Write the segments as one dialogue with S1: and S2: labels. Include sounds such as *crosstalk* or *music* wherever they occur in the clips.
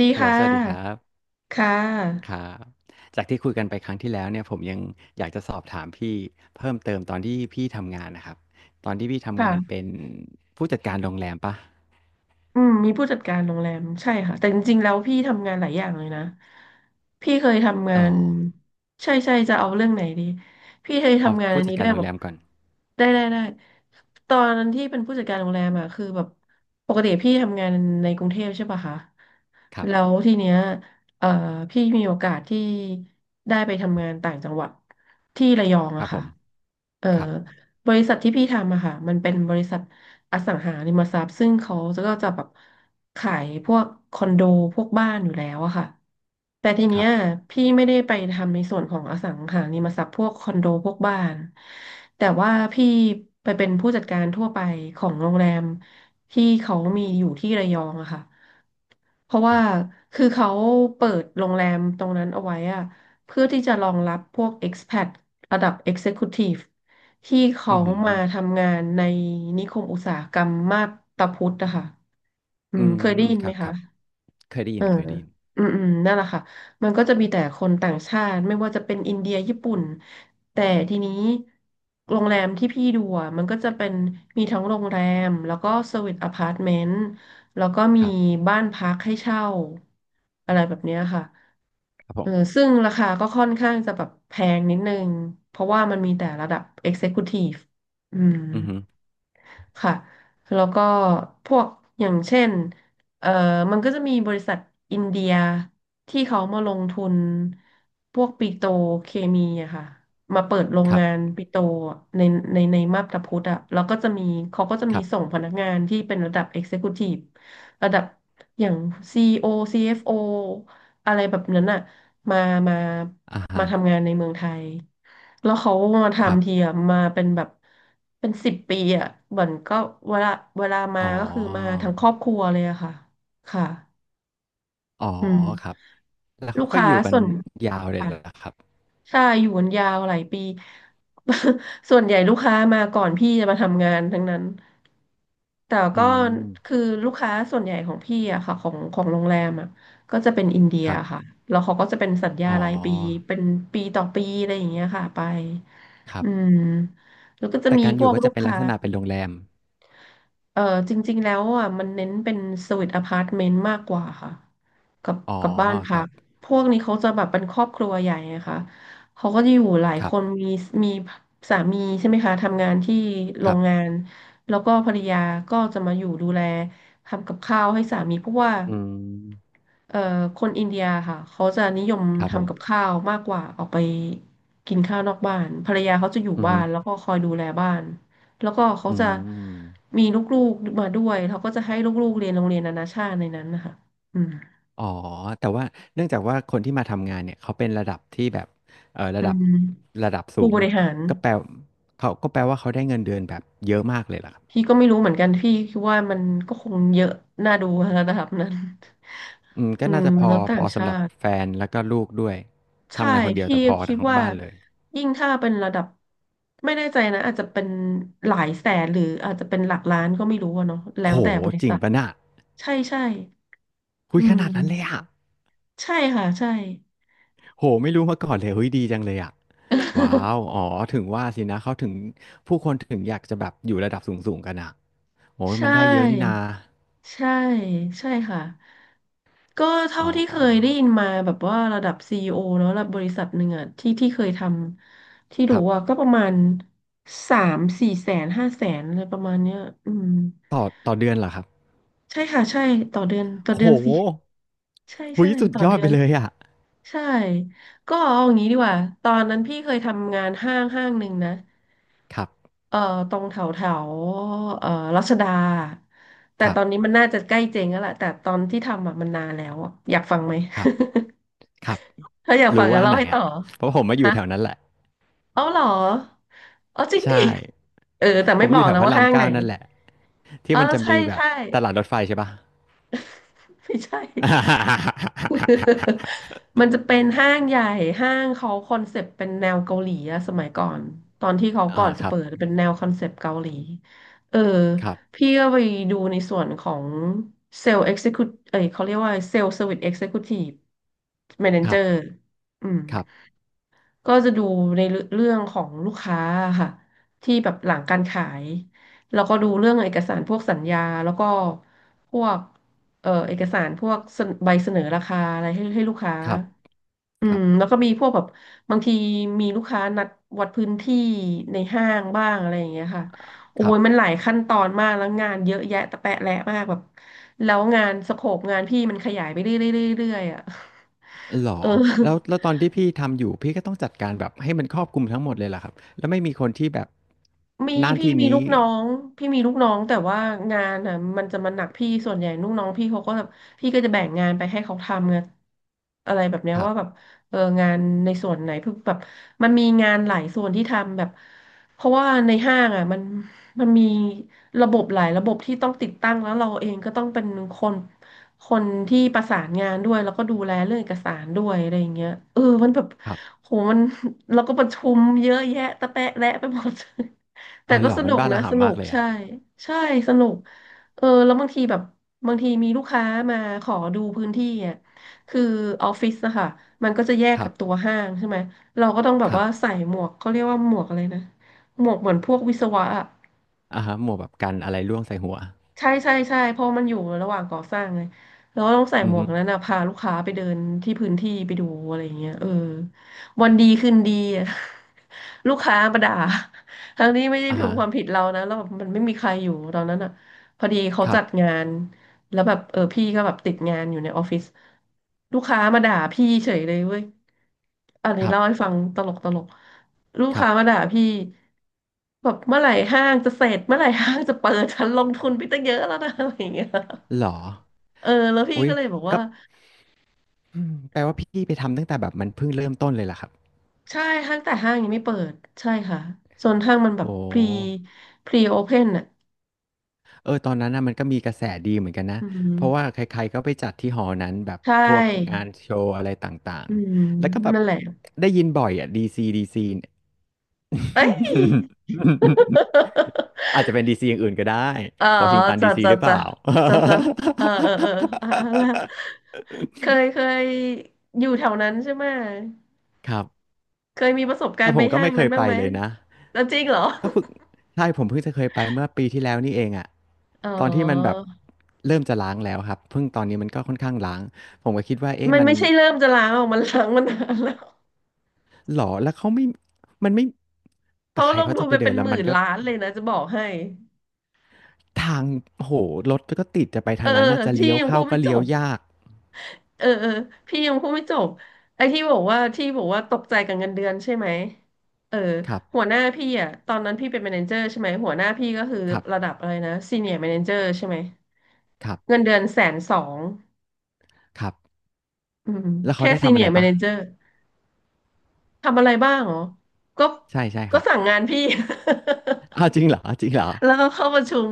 S1: ดี
S2: ฮัลโหล
S1: ค่
S2: สวัสดีครั
S1: ะ
S2: บ
S1: ค่
S2: ค
S1: ะ
S2: รับจากที่คุยกันไปครั้งที่แล้วเนี่ยผมยังอยากจะสอบถามพี่เพิ่มเติมตอนที่พี่ทำงานนะครับตอนที่พี่ทำงานเป็
S1: ค่ะ
S2: นผู้จัดการโรงแรมปะ
S1: อืมมีผู้จัดการโรงแรมใช่ค่ะแต่จริงๆแล้วพี่ทำงานหลายอย่างเลยนะพี่เคยทำงา
S2: อ๋อ
S1: นใช่ใช่จะเอาเรื่องไหนดีพี่เคย
S2: เอา
S1: ทำงาน
S2: ผู้
S1: อัน
S2: จั
S1: นี้
S2: ดกา
S1: ด้ว
S2: ร
S1: ย
S2: โร
S1: แบ
S2: งแร
S1: บ
S2: มก่อน
S1: ได้ได้ได้ตอนนั้นที่เป็นผู้จัดการโรงแรมอ่ะคือแบบปกติพี่ทำงานในกรุงเทพใช่ป่ะคะ
S2: ครั
S1: แล้ว
S2: บ
S1: ทีเนี้ยเอ่อพี่มีโอกาสที่ได้ไปทำงานต่างจังหวัดที่ระยอง
S2: ค
S1: อะ
S2: รับผ
S1: ค่ะ
S2: ม
S1: เอ่อ
S2: ครับ
S1: บริษัทที่พี่ทำอะค่ะมันเป็นบริษัท อสังหาริมทรัพย์ซึ่งเขาก็จะแบบขายพวกคอนโดพวกบ้านอยู่แล้วอะค่ะแต่ที
S2: ค
S1: เนี้
S2: รั
S1: ย
S2: บ
S1: พี่ไม่ได้ไปทำในส่วนของอสังหาริมทรัพย์พวกคอนโดพวกบ้านแต่ว่าพี่ไปเป็นผู้จัดการทั่วไปของโรงแรมที่เขามีอยู่ที่ระยองอะค่ะ เพราะ
S2: ค
S1: ว่า
S2: รับ
S1: คือเขาเปิดโรงแรมตรงนั้นเอาไว้อะเพื่อที่จะรองรับพวก expat ระดับ Executive ที่เขา
S2: อือหือ
S1: มาทำงานในนิคมอุตสาหกรรมมาบตาพุธนะคะอื
S2: อื
S1: ม
S2: ม
S1: เคยได้ยิน
S2: ค
S1: ไหม
S2: รับค
S1: คะ
S2: รับเคยได้ยิ
S1: เอ
S2: น
S1: อ
S2: เคยได้ยิน
S1: อืมอืมนั่นแหละค่ะ มันก็จะมีแต่คนต่างชาติไม่ว่าจะเป็นอินเดียญี่ปุ่นแต่ทีนี้โรงแรมที่พี่ดูอะมันก็จะเป็นมีทั้งโรงแรมแล้วก็สวีทอพาร์ตเมนต์แล้วก็มี
S2: ครับ
S1: บ้านพักให้เช่าอะไรแบบเนี้ยค่ะ
S2: ครับผ
S1: เอ
S2: ม
S1: อซึ่งราคาก็ค่อนข้างจะแบบแพงนิดนึงเพราะว่ามันมีแต่ระดับ Executive อืม
S2: อือหือ
S1: ค่ะ แล้วก็พวกอย่างเช่นเอ่อมันก็จะมีบริษัทอินเดียที่เขามาลงทุน พวกปิโตรเคมีอะค่ะมาเปิดโรง
S2: ครับ
S1: งานปิโตรอะในมาบตาพุธอะแล้วก็จะมีเขาก็จะ
S2: ค
S1: มี
S2: รับ
S1: ส่งพนักงานที่เป็นระดับ Executive ระดับอย่าง CEO CFO อโอซีเอฟโออะไรแบบนั้นอะมามา
S2: อ่าฮะ
S1: มาทำงานในเมืองไทย แล้วเขามา
S2: ครั
S1: ทำที
S2: บ
S1: อะมาเป็นแบบเป็นสิบปีอะเหมือนก็เวลาเวลามา
S2: อ๋อ
S1: ก็คือมาทั้งครอบครัวเลยอะค่ะค่ะ
S2: อ๋อ
S1: อืม
S2: ครับแล้ว
S1: ลู
S2: เขา
S1: ก
S2: ก็
S1: ค้า
S2: อยู่กัน
S1: ส่วน
S2: ยาวเลยเหรอ
S1: ค่ะ
S2: ครับ
S1: ใช่อยู่กันยาวหลายปี *laughs* ส่วนใหญ่ลูกค้ามาก่อนพี่จะมาทำงานทั้งนั้นแต่
S2: อื
S1: ก็คือ
S2: ม
S1: ลูกค้าส่วนใหญ่ของพี่อะค่ะของโรงแรมอะก็จะเป็นอินเดีย
S2: ครับ
S1: ค่ะแล้วเขาก็จะเป็นสัญญา
S2: อ๋อ
S1: รายปีเป็นปีต่อปีอะไรอย่างเงี้ยค่ะไป
S2: ครั
S1: อื
S2: บ
S1: มแล้วก็จะ
S2: แต่
S1: มี
S2: การ
S1: พ
S2: อ
S1: ว
S2: ยู่
S1: ก
S2: ก็
S1: ลู
S2: จะ
S1: ก
S2: เป็นลั
S1: ค้า
S2: กษณะเป็นโรงแรม
S1: เออจริงๆแล้วอ่ะมันเน้นเป็นสวีทอพาร์ตเมนต์มากกว่าค่ะกับ
S2: อ๋อ
S1: กับบ้าน
S2: ค
S1: พั
S2: รั
S1: ก
S2: บ
S1: พวกนี้เขาจะแบบเป็นครอบครัวใหญ่ไงคะเขาก็จะอยู่หลาย
S2: ค
S1: ค
S2: รั
S1: น
S2: บ
S1: มีมีสามีใช่ไหมคะทำงานที่โร
S2: ครั
S1: ง
S2: บ
S1: งานแล้วก็ภรรยาก็จะมาอยู่ดูแลทำกับข้าวให้สามีเพราะว่า
S2: อืม
S1: เอ่อคนอินเดียค่ะเขาจะนิยม
S2: ครับผ
S1: ทำกับ
S2: ม
S1: ข้าวมากกว่าออกไปกินข้าวนอกบ้านภรรยาเขาจะอยู่
S2: อือ
S1: บ้า
S2: ฮึ
S1: นแล้วก็คอยดูแลบ้านแล้วก็เขา
S2: อื
S1: จะ
S2: ม
S1: มีลูกๆมาด้วยเขาก็จะให้ลูกๆเรียนโรงเรียนนานาชาติในนั้นนะคะอืม
S2: อ๋อแต่ว่าเนื่องจากว่าคนที่มาทำงานเนี่ยเขาเป็นระดับที่แบบระ
S1: อื
S2: ดับ
S1: ม
S2: ระดับสู
S1: ผู้บ
S2: ง
S1: ริหาร
S2: ก็แปลเขาก็แปลว่าเขาได้เงินเดือนแบบเยอะมากเลยล่ะครับ
S1: พี่ก็ไม่รู้เหมือนกันพี่คิดว่ามันก็คงเยอะน่าดู *laughs* ระดับนั้น
S2: อืมก็
S1: อื
S2: น่า
S1: ม
S2: จะพอ
S1: แล้วต่า
S2: พ
S1: ง
S2: อสำ
S1: ชา
S2: หรับ
S1: ติ
S2: แฟนแล้วก็ลูกด้วย
S1: ใช่
S2: ทำงานคนเดียว
S1: พี่
S2: แต่พอ
S1: คิด
S2: ทั้ง
S1: ว่า
S2: บ้านเลย
S1: ยิ่งถ้าเป็นระดับไม่แน่ใจนะอาจจะเป็นหลายแสนหรืออาจจะเป็นหลักล้านก็ไม่รู้อะเนาะแล้
S2: โห
S1: วแต่บริ
S2: จริง
S1: ษัท
S2: ปะน่ะ
S1: ใช่ใช่
S2: คุ
S1: อื
S2: ยขนาดนั้นเลย
S1: ม
S2: อะ
S1: ใช่ค่ะใช่
S2: โหไม่รู้มาก่อนเลยเฮ้ยดีจังเลยอ่ะว้า
S1: *laughs*
S2: วอ๋อถึงว่าสินะเขาถึงผู้คนถึงอยากจะแบบอยู่ระดับสูงๆกันอ่ะโอ้ย
S1: ใช
S2: มันได้เยอะนี่นา
S1: ่ใช่ใช่ค่ะก็เท่า
S2: อ๋อ
S1: ที่เคยได้ยินมาแบบว่าระดับซีอีโอเนะระดับบริษัทหนึ่งอะที่เคยทำที่
S2: ค
S1: รู้
S2: รับ
S1: อะก็ประมาณสามสี่แสนห้าแสนอะไรประมาณเนี้ยอืม
S2: ต่อต่อเดือนเหรอครับ
S1: ใช่ค่ะใช่ต่อเดือนต่อ
S2: โห
S1: เดือนสิใช่
S2: หุ
S1: ใช่
S2: ยสุด
S1: ต่อ
S2: ยอ
S1: เดื
S2: ดไป
S1: อน
S2: เลยอ่ะ
S1: ใช่ก็เอาอย่างนี้ดีกว่าตอนนั้นพี่เคยทำงานห้างหนึ่งนะ
S2: ครับ
S1: เอ่อตรงแถวแถวเอ่อรัชดาแต่
S2: ครั
S1: ตอนนี้
S2: บ
S1: มันน่าจะใกล้เจ๊งแล้วแหละแต่ตอนที่ทำอะมันนานแล้วอะอยากฟังไหม
S2: ครับครับ
S1: *laughs* ถ้าอยากฟั
S2: รู้
S1: งก็
S2: ว่าอัน
S1: เล่า
S2: ไหน
S1: ให้ต่อ
S2: อ่ะเพราะผมมาอยู่แถว
S1: ฮะ
S2: นั้นแหละ
S1: เอาเหรอเอาจริง
S2: ใช่
S1: ดิเออแต่
S2: ผ
S1: ไม่
S2: ม
S1: บ
S2: อ
S1: อ
S2: ยู่
S1: ก
S2: แถว
S1: นะ
S2: พระ
S1: ว่า
S2: ราม
S1: ห้างไหน
S2: เก้านั่นแหละที่
S1: อ๋อ
S2: มัน
S1: แล้ว
S2: จะ
S1: ใช่
S2: มีแบบ
S1: ใช่
S2: ตลาดรถไฟใช่ปะ
S1: ไม่ใช่ *laughs* มันจะเป็นห้างใหญ่ห้างเขาคอนเซปต์เป็นแนวเกาหลีอะสมัยก่อนตอนที่เขา
S2: *laughs* อ่า
S1: ก่อนจะ
S2: ครับ
S1: เปิดเป็นแนวคอนเซปต์เกาหลีเออ
S2: ครับ
S1: พี่ก็ไปดูในส่วนของเซลล์เอ็กซิคิวเอ้ยเขาเรียกว่าเซลล์เซอร์วิสเอ็กซิคิวทีฟแมเน
S2: ค
S1: เจ
S2: รั
S1: อร์
S2: บ
S1: อืม
S2: ครับ
S1: ก็จะดูในเรื่องของลูกค้าค่ะที่แบบหลังการขายแล้วก็ดูเรื่องเอกสารพวกสัญญาแล้วก็พวกเอกสารพวกเสนใบเสนอราคาอะไรให้ลูกค้า
S2: ครับ
S1: อื
S2: ครั
S1: ม
S2: บ
S1: แล้วก็มีพวกแบบบางทีมีลูกค้านัดวัดพื้นที่ในห้างบ้างอะไรอย่างเงี้ยค่ะโอ้
S2: ครั
S1: ยมัน
S2: บ
S1: หลายขั้นตอนมากแล้วงานเยอะแยะตะแปะแหละมากแบบแล้วงานสโคปงานพี่มันขยายไปเรื่อยๆเรื่อยๆอ่ะ
S2: เหรอ
S1: *laughs* เออ
S2: แล้วแล้วตอนที่พี่ทำอยู่พี่ก็ต้องจัดการแบบให้มันครอบคลุมทั้งหมดเลยเหรอครับแล้วไม่มีคนที่แบบ
S1: มี
S2: หน้า
S1: พี่
S2: ที่
S1: มี
S2: นี้
S1: ลูกน้องพี่มีลูกน้องแต่ว่างานอ่ะมันจะมาหนักพี่ส่วนใหญ่ลูกน้องพี่เขาก็แบบพี่ก็จะแบ่งงานไปให้เขาทำไงอะไรแบบเนี้ย
S2: ครับ
S1: ว่าแบบเอองานในส่วนไหนเพื่อแบบมันมีงานหลายส่วนที่ทำแบบเพราะว่าในห้างอ่ะมันมีระบบหลายระบบที่ต้องติดตั้งแล้วเราเองก็ต้องเป็นคนคนที่ประสานงานด้วยแล้วก็ดูแลเรื่องเอกสารด้วยอะไรอย่างเงี้ยเออมันแบบ
S2: ครับ
S1: โหมัน *laughs* เราก็ประชุมเยอะแยะตะแปะแระไปหมด แต่
S2: อ๋อ
S1: ก็
S2: หรอ
S1: ส
S2: มั
S1: นุ
S2: น
S1: ก
S2: บ้า
S1: นะ
S2: ระ
S1: ส
S2: ห่ำ
S1: นุ
S2: มาก
S1: ก
S2: เลย
S1: ใช่
S2: อ่ะ
S1: ใช่สนุกเออแล้วบางทีแบบบางทีมีลูกค้ามาขอดูพื้นที่อ่ะคือออฟฟิศนะคะมันก็จะแยก
S2: ครั
S1: กับ
S2: บ
S1: ตัวห้างใช่ไหมเราก็ต้องแบบ
S2: ครั
S1: ว่า
S2: บ
S1: ใส่หมวกเขาเรียกว่าหมวกอะไรนะหมวกเหมือนพวกวิศวะอะ
S2: อ่าฮะหมวกแบบกันอะไรร่วงใส่หัว
S1: ใช่ใช่ใช่เพราะมันอยู่ระหว่างก่อสร้างไงแล้วต้องใส่
S2: อื
S1: หม
S2: อ
S1: ว
S2: ฮึ
S1: กนั้นนะพาลูกค้าไปเดินที่พื้นที่ไปดูอะไรอย่างเงี้ยเออวันดีคืนดีอะ *laughs* ลูกค้ามาด่าทั้งนี้ไม่ได้
S2: อ่า
S1: เป็น
S2: ฮะ
S1: ความผิดเรานะแล้วแบบมันไม่มีใครอยู่ตอนนั้นอ่ะพอดีเขา
S2: ครั
S1: จัด
S2: บ
S1: งาน แล้วแบบเออพี่ก็แบบติดงานอยู่ในออฟฟิศลูกค้ามาด่าพี่เฉยเลยเว้ยอัน
S2: ค
S1: นี้
S2: รับ
S1: เล่าให้ฟังตลกตลกลูก
S2: ครั
S1: ค้ามา
S2: บ
S1: ด่าพี่แบบเมื่อไหร่ห้างจะเสร็จเมื่อไหร่ห้างจะเปิดฉันลงทุนไปตั้งเยอะแล้วนะ *laughs* อะไรอย่างเงี้ย
S2: เหรอ
S1: เออแล้วพี่
S2: อุ๊ย
S1: ก็เลยบอก
S2: ก็
S1: ว่า
S2: อืมแปลว่าพี่ไปทำตั้งแต่แบบมันเพิ่งเริ่มต้นเลยเหรอครับ
S1: ใช่ห้างแต่ห้างยังไม่เปิดใช่ค่ะส่วนห้างมันแบ
S2: โอ้
S1: บ
S2: โ
S1: พรี
S2: ฮ
S1: พรีโอเพนอ่ะ
S2: ตอนนั้นนะมันก็มีกระแสดีเหมือนกันนะ
S1: อืม
S2: เพราะว่าใครๆก็ไปจัดที่หอนั้นแบบ
S1: ใช
S2: พวกงา
S1: ่
S2: นโชว์อะไรต่าง
S1: อืม
S2: ๆแล้วก็แบบ
S1: นั่นแหละ
S2: ได้ยินบ่อยอ่ะดีซีดีซีเนี่ย
S1: เอ้ย *laughs*
S2: *laughs* อาจจะเป็นดีซีอย่างอื่นก็ได้
S1: อ๋อ
S2: วอชิงตัน
S1: จ้ะ
S2: ดีซี
S1: จ้ะ
S2: หรือเป
S1: จ้ะ
S2: ล่า
S1: จ้ะจ้ะเออเออเอออ่ะอ่ะละ
S2: *laughs*
S1: เคยเคยอยู่แถวนั้นใช่ไหม
S2: ครับ
S1: เคยมีประสบการ
S2: แต่
S1: ณ์
S2: ผ
S1: ไป
S2: มก็
S1: ห้าง
S2: ไม่เค
S1: นั้น
S2: ย
S1: บ้า
S2: ไป
S1: งไหม
S2: เลยนะ
S1: แล้วจริงเหรอ
S2: ก็เพิ่งใช่ผมเพิ่งจะเคยไปเมื่อปีที่แล้วนี่เองอะ
S1: อ๋อ
S2: ตอนที่มันแบบเริ่มจะล้างแล้วครับเพิ่งตอนนี้มันก็ค่อนข้างล้างผมก็คิดว่าเอ๊ะ
S1: มัน
S2: มัน
S1: ไม่ใช่เริ่มจะล้างออกมันล้างมานานแล้ว
S2: หรอแล้วเขาไม่ มันไม่ แต่
S1: เขา
S2: ใคร
S1: ลง
S2: เขา
S1: ทุ
S2: จะ
S1: น
S2: ไป
S1: ไป
S2: เดิ
S1: เป็
S2: น
S1: น
S2: แล้
S1: ห
S2: วมั
S1: มื่
S2: น
S1: น
S2: ก็
S1: ล้านเลยนะ จะบอกให้
S2: ทางโหรถก็ติดจะไป
S1: เอ
S2: ทา
S1: อ
S2: งนั้นน่าจะ
S1: พี่
S2: เลี้ยว
S1: ยังพู
S2: เข้า
S1: ดไม่
S2: ก็
S1: จ
S2: เลี้ยว
S1: บ
S2: ยาก
S1: เออเออพี่ยังพูดไม่จบไอ้ที่บอกว่าตกใจกับเงินเดือนใช่ไหมเออ
S2: ครับ
S1: หัวหน้าพี่อ่ะตอนนั้นพี่เป็นแมเนเจอร์ใช่ไหมหัวหน้าพี่ก็คือ
S2: ครับ
S1: ระดับอะไรนะซีเนียร์แมเนเจอร์ใช่ไหม
S2: ครับ
S1: เงินเดือนแสนสอง
S2: ครับ
S1: อืม
S2: แล้วเขา
S1: แค่
S2: ได้
S1: ซี
S2: ทำ
S1: เนี
S2: อะ
S1: ย
S2: ไร
S1: ร์แม
S2: ปะ
S1: เนเจอร์ทำอะไรบ้างเหรอก็
S2: ใช่ใช่ครับ
S1: สั่งงานพี่
S2: *laughs*
S1: *laughs*
S2: อ้าวจริงเหรอจริงเหรอ
S1: แล้วก็เข้าประชุม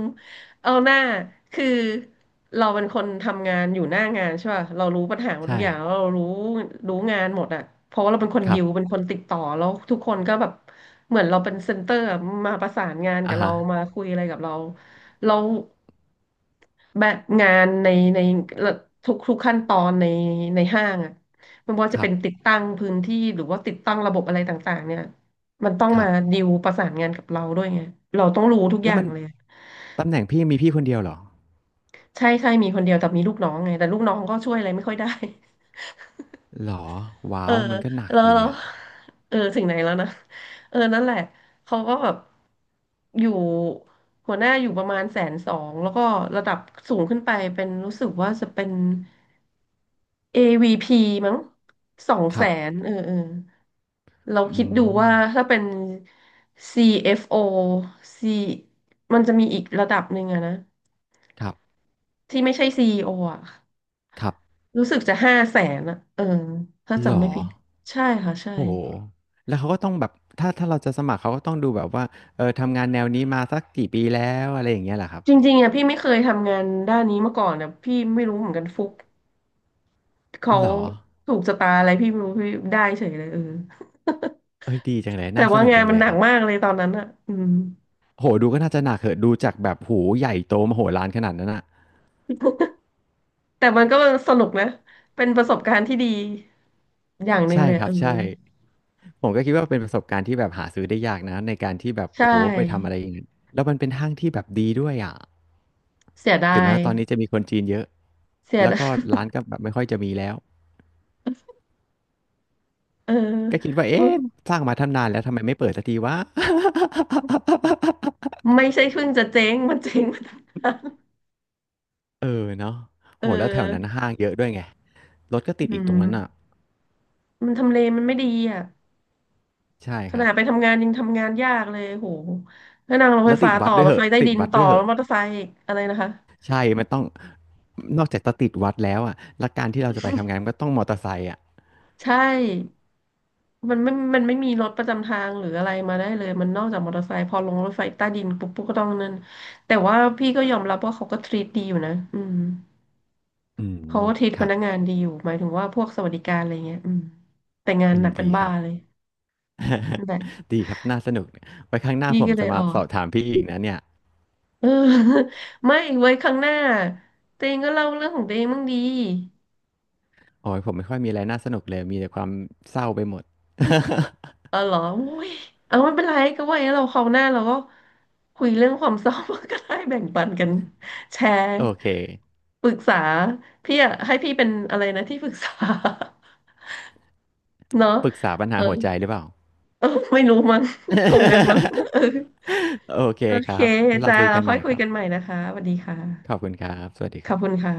S1: เอาหน้าคือเราเป็นคนทำงานอยู่หน้างานใช่ป่ะเรารู้ปัญหาหมดทุ
S2: ใช่
S1: กอย่างเรารู้รู้งานหมดอ่ะเพราะว่าเราเป็นคน
S2: ค
S1: ดิ
S2: รั
S1: วเป็น
S2: บ
S1: คนติดต่อแล้วทุกคนก็แบบเหมือนเราเป็นเซ็นเตอร์อะมาประสานงานกั
S2: อ่า
S1: บเรา
S2: ฮะ
S1: มาคุยอะไรกับเราเราแบบงานในทุกขั้นตอนในห้างอ่ะไม่ว่า
S2: ค
S1: จะ
S2: รั
S1: เป็
S2: บ
S1: นติดตั้งพื้นที่หรือว่าติดตั้งระบบอะไรต่างๆเนี่ยมันต้อง
S2: ครั
S1: มา
S2: บ
S1: ดิวประสานงานกับเราด้วยไงเราต้องรู้ทุกอ
S2: แล้ว
S1: ย่า
S2: มั
S1: ง
S2: น
S1: เลย
S2: ตำแหน่งพี่มีพี่คนเดียวเหรอ
S1: ใช่ใช่มีคนเดียวแต่มีลูกน้องไงแต่ลูกน้องก็ช่วยอะไรไม่ค่อยได้
S2: หรอ
S1: *laughs*
S2: ว้า
S1: เออ
S2: วมันก็หนัก
S1: แล้ว
S2: ที
S1: แล้ว
S2: เนี่ย
S1: เออถึงไหนแล้วนะเออนั่นแหละเขาก็แบบอยู่หัวหน้าอยู่ประมาณแสนสองแล้วก็ระดับสูงขึ้นไปเป็นรู้สึกว่าจะเป็น AVP มั้งสอง
S2: ค
S1: แส
S2: รับ
S1: นเออเออเรา
S2: อื
S1: คิดดู
S2: ม
S1: ว่าถ้าเป็น CFO C มันจะมีอีกระดับหนึ่งอะนะ
S2: ครับ
S1: ที่ไม่ใช่ CEO อโออะ
S2: ครับ
S1: รู้สึกจะ500,000อะเออถ้า
S2: หร
S1: จำ
S2: อ
S1: ไม่ผิด ใช่ค่ะใช่
S2: โอ้โห แล้วเขาก็ต้องแบบถ้าถ้าเราจะสมัครเขาก็ต้องดูแบบว่าทำงานแนวนี้มาสักกี่ปีแล้วอะไรอย่างเงี้ยเหรอครับ
S1: จริงๆอะพี่ไม่เคยทำงานด้านนี้มาก่อนอะพี่ไม่รู้เหมือนกันฟุกเขา
S2: หรอ
S1: ถูกชะตาอะไรพี่ไม่รู้พี่ได้เฉยเลยเออ
S2: เอ้ยดีจังเลย
S1: *laughs* แต่
S2: น่าส
S1: ว่า
S2: นุก
S1: งาน
S2: จัง
S1: มั
S2: เล
S1: น
S2: ย
S1: หนั
S2: ค
S1: ก
S2: รับ
S1: มากเลยตอนนั้นอะอืม
S2: โหดูก็น่าจะหนักเหอะดูจากแบบหูใหญ่โตมโหฬารขนาดนั้นอ่ะ
S1: แต่มันก็สนุกนะ เป็นประสบการณ์ที่ดีอย่างหนึ่ง
S2: ใช่
S1: เลย
S2: ครั
S1: เอ
S2: บ
S1: อ
S2: ใช่ผมก็คิดว่าเป็นประสบการณ์ที่แบบหาซื้อได้ยากนะในการที่แบบ
S1: ใช
S2: โอ้โหไปทำอะ
S1: ่
S2: ไรอย่างนั้นแล้วมันเป็นห้างที่แบบดีด้วยอ่ะ
S1: เสียดา
S2: ถึงแม้
S1: ย
S2: ว่าตอนนี้จะมีคนจีนเยอะ
S1: เสีย
S2: แล้ว
S1: ดา
S2: ก็
S1: ย
S2: ร้านก็แบบไม่ค่อยจะมีแล้ว
S1: *laughs* เ
S2: ก็คิ
S1: อ
S2: ด
S1: อ
S2: ว่าเอ๊ะสร้างมาทำนานแล้วทำไมไม่เปิดสักทีวะ *laughs*
S1: ไม่ใช่เพิ่งจะเจ๊งมันเจ๊งมาตั้งนาน
S2: เออเนาะ
S1: เอ
S2: โหแล้วแถวนั้น
S1: อ
S2: ห้างเยอะด้วยไงรถก็ติด
S1: อื
S2: อีกตร
S1: ม
S2: งนั้นอ่ะ
S1: มันทำเลมันไม่ดีอ่ะ
S2: ใช่
S1: ข
S2: ครั
S1: นา
S2: บ
S1: ดไปทำงานยังทำงานยากเลยโหแล้วนั่งรถไฟ
S2: แล้วติ
S1: ฟ้า
S2: ดวั
S1: ต่อ
S2: ดด้วย
S1: รถ
S2: เห
S1: ไฟ
S2: อะ
S1: ใต้
S2: ติด
S1: ดิน
S2: วัด
S1: ต่อ
S2: ด้วยเห
S1: แล้ว
S2: อะ
S1: มอเตอร์ไซค์อีกอะไรนะคะ
S2: ใช่มันต้องนอกจากจะติดวัดแล้วอ่ะแล้วการที่เราจะไปทำงานมันก็ต้องมอเตอร์ไซค์อ่ะ
S1: ใช่มันไม่มีรถประจำทางหรืออะไรมาได้เลยมันนอกจากมอเตอร์ไซค์พอลงรถไฟใต้ดินปุ๊บปุ๊บก็ต้องนั่นแต่ว่าพี่ก็ยอมรับว่าเขาก็ทรีตดีอยู่นะอืม
S2: อื
S1: เขา
S2: ม
S1: ก็ทรีต
S2: ค
S1: พ
S2: รับ
S1: นักงานดีอยู่หมายถึงว่าพวกสวัสดิการอะไรเงี้ยอืมแต่งาน
S2: อื
S1: ห
S2: ม
S1: นักเป็
S2: ดี
S1: น
S2: ค
S1: บ้า
S2: รับ
S1: เลยนั่นแหละ
S2: *laughs* ดีครับน่าสนุกไว้ครั้งหน้า
S1: พี่
S2: ผม
S1: ก็เล
S2: จะ
S1: ยอ
S2: มา
S1: อ
S2: ส
S1: ก
S2: อบถามพี่อีกนะเนี่ย
S1: เออ *laughs* ไม่ไว้ครั้งหน้าเตงก็เล่าเรื่องของเตงบ้างดี
S2: โอ้ยผมไม่ค่อยมีอะไรน่าสนุกเลยมีแต่ความเศร้าไปหมด
S1: เออเหรออุ้ยเอาไม่เป็นไรก็ไวาอย่างนั้นเราคราวหน้าเราก็คุยเรื่องความเศร้า *laughs* ก็ได้แบ่งปันกันแชร์
S2: *laughs* โอเค
S1: ปรึกษาพี่อะให้พี่เป็นอะไรนะที่ปรึกษา *laughs* เนาะ
S2: ปรึกษาปัญ
S1: เอ
S2: หา
S1: อ
S2: หัวใจหรือเปล่า
S1: เออไม่รู้มั้งคงงั้นมั้ง
S2: *laughs*
S1: เออ
S2: โอเค
S1: โอ
S2: ค
S1: เค
S2: รับแล้วเรา
S1: จ้า
S2: คุย
S1: เรา
S2: กันให
S1: ค่อ
S2: ม่
S1: ยคุ
S2: ค
S1: ย
S2: รั
S1: กันให
S2: บ
S1: ม่นะคะสวัสดีค่ะ
S2: ขอบคุณครับ สวัสดี
S1: ข
S2: ค
S1: อ
S2: รั
S1: บ
S2: บ
S1: คุณค่ะ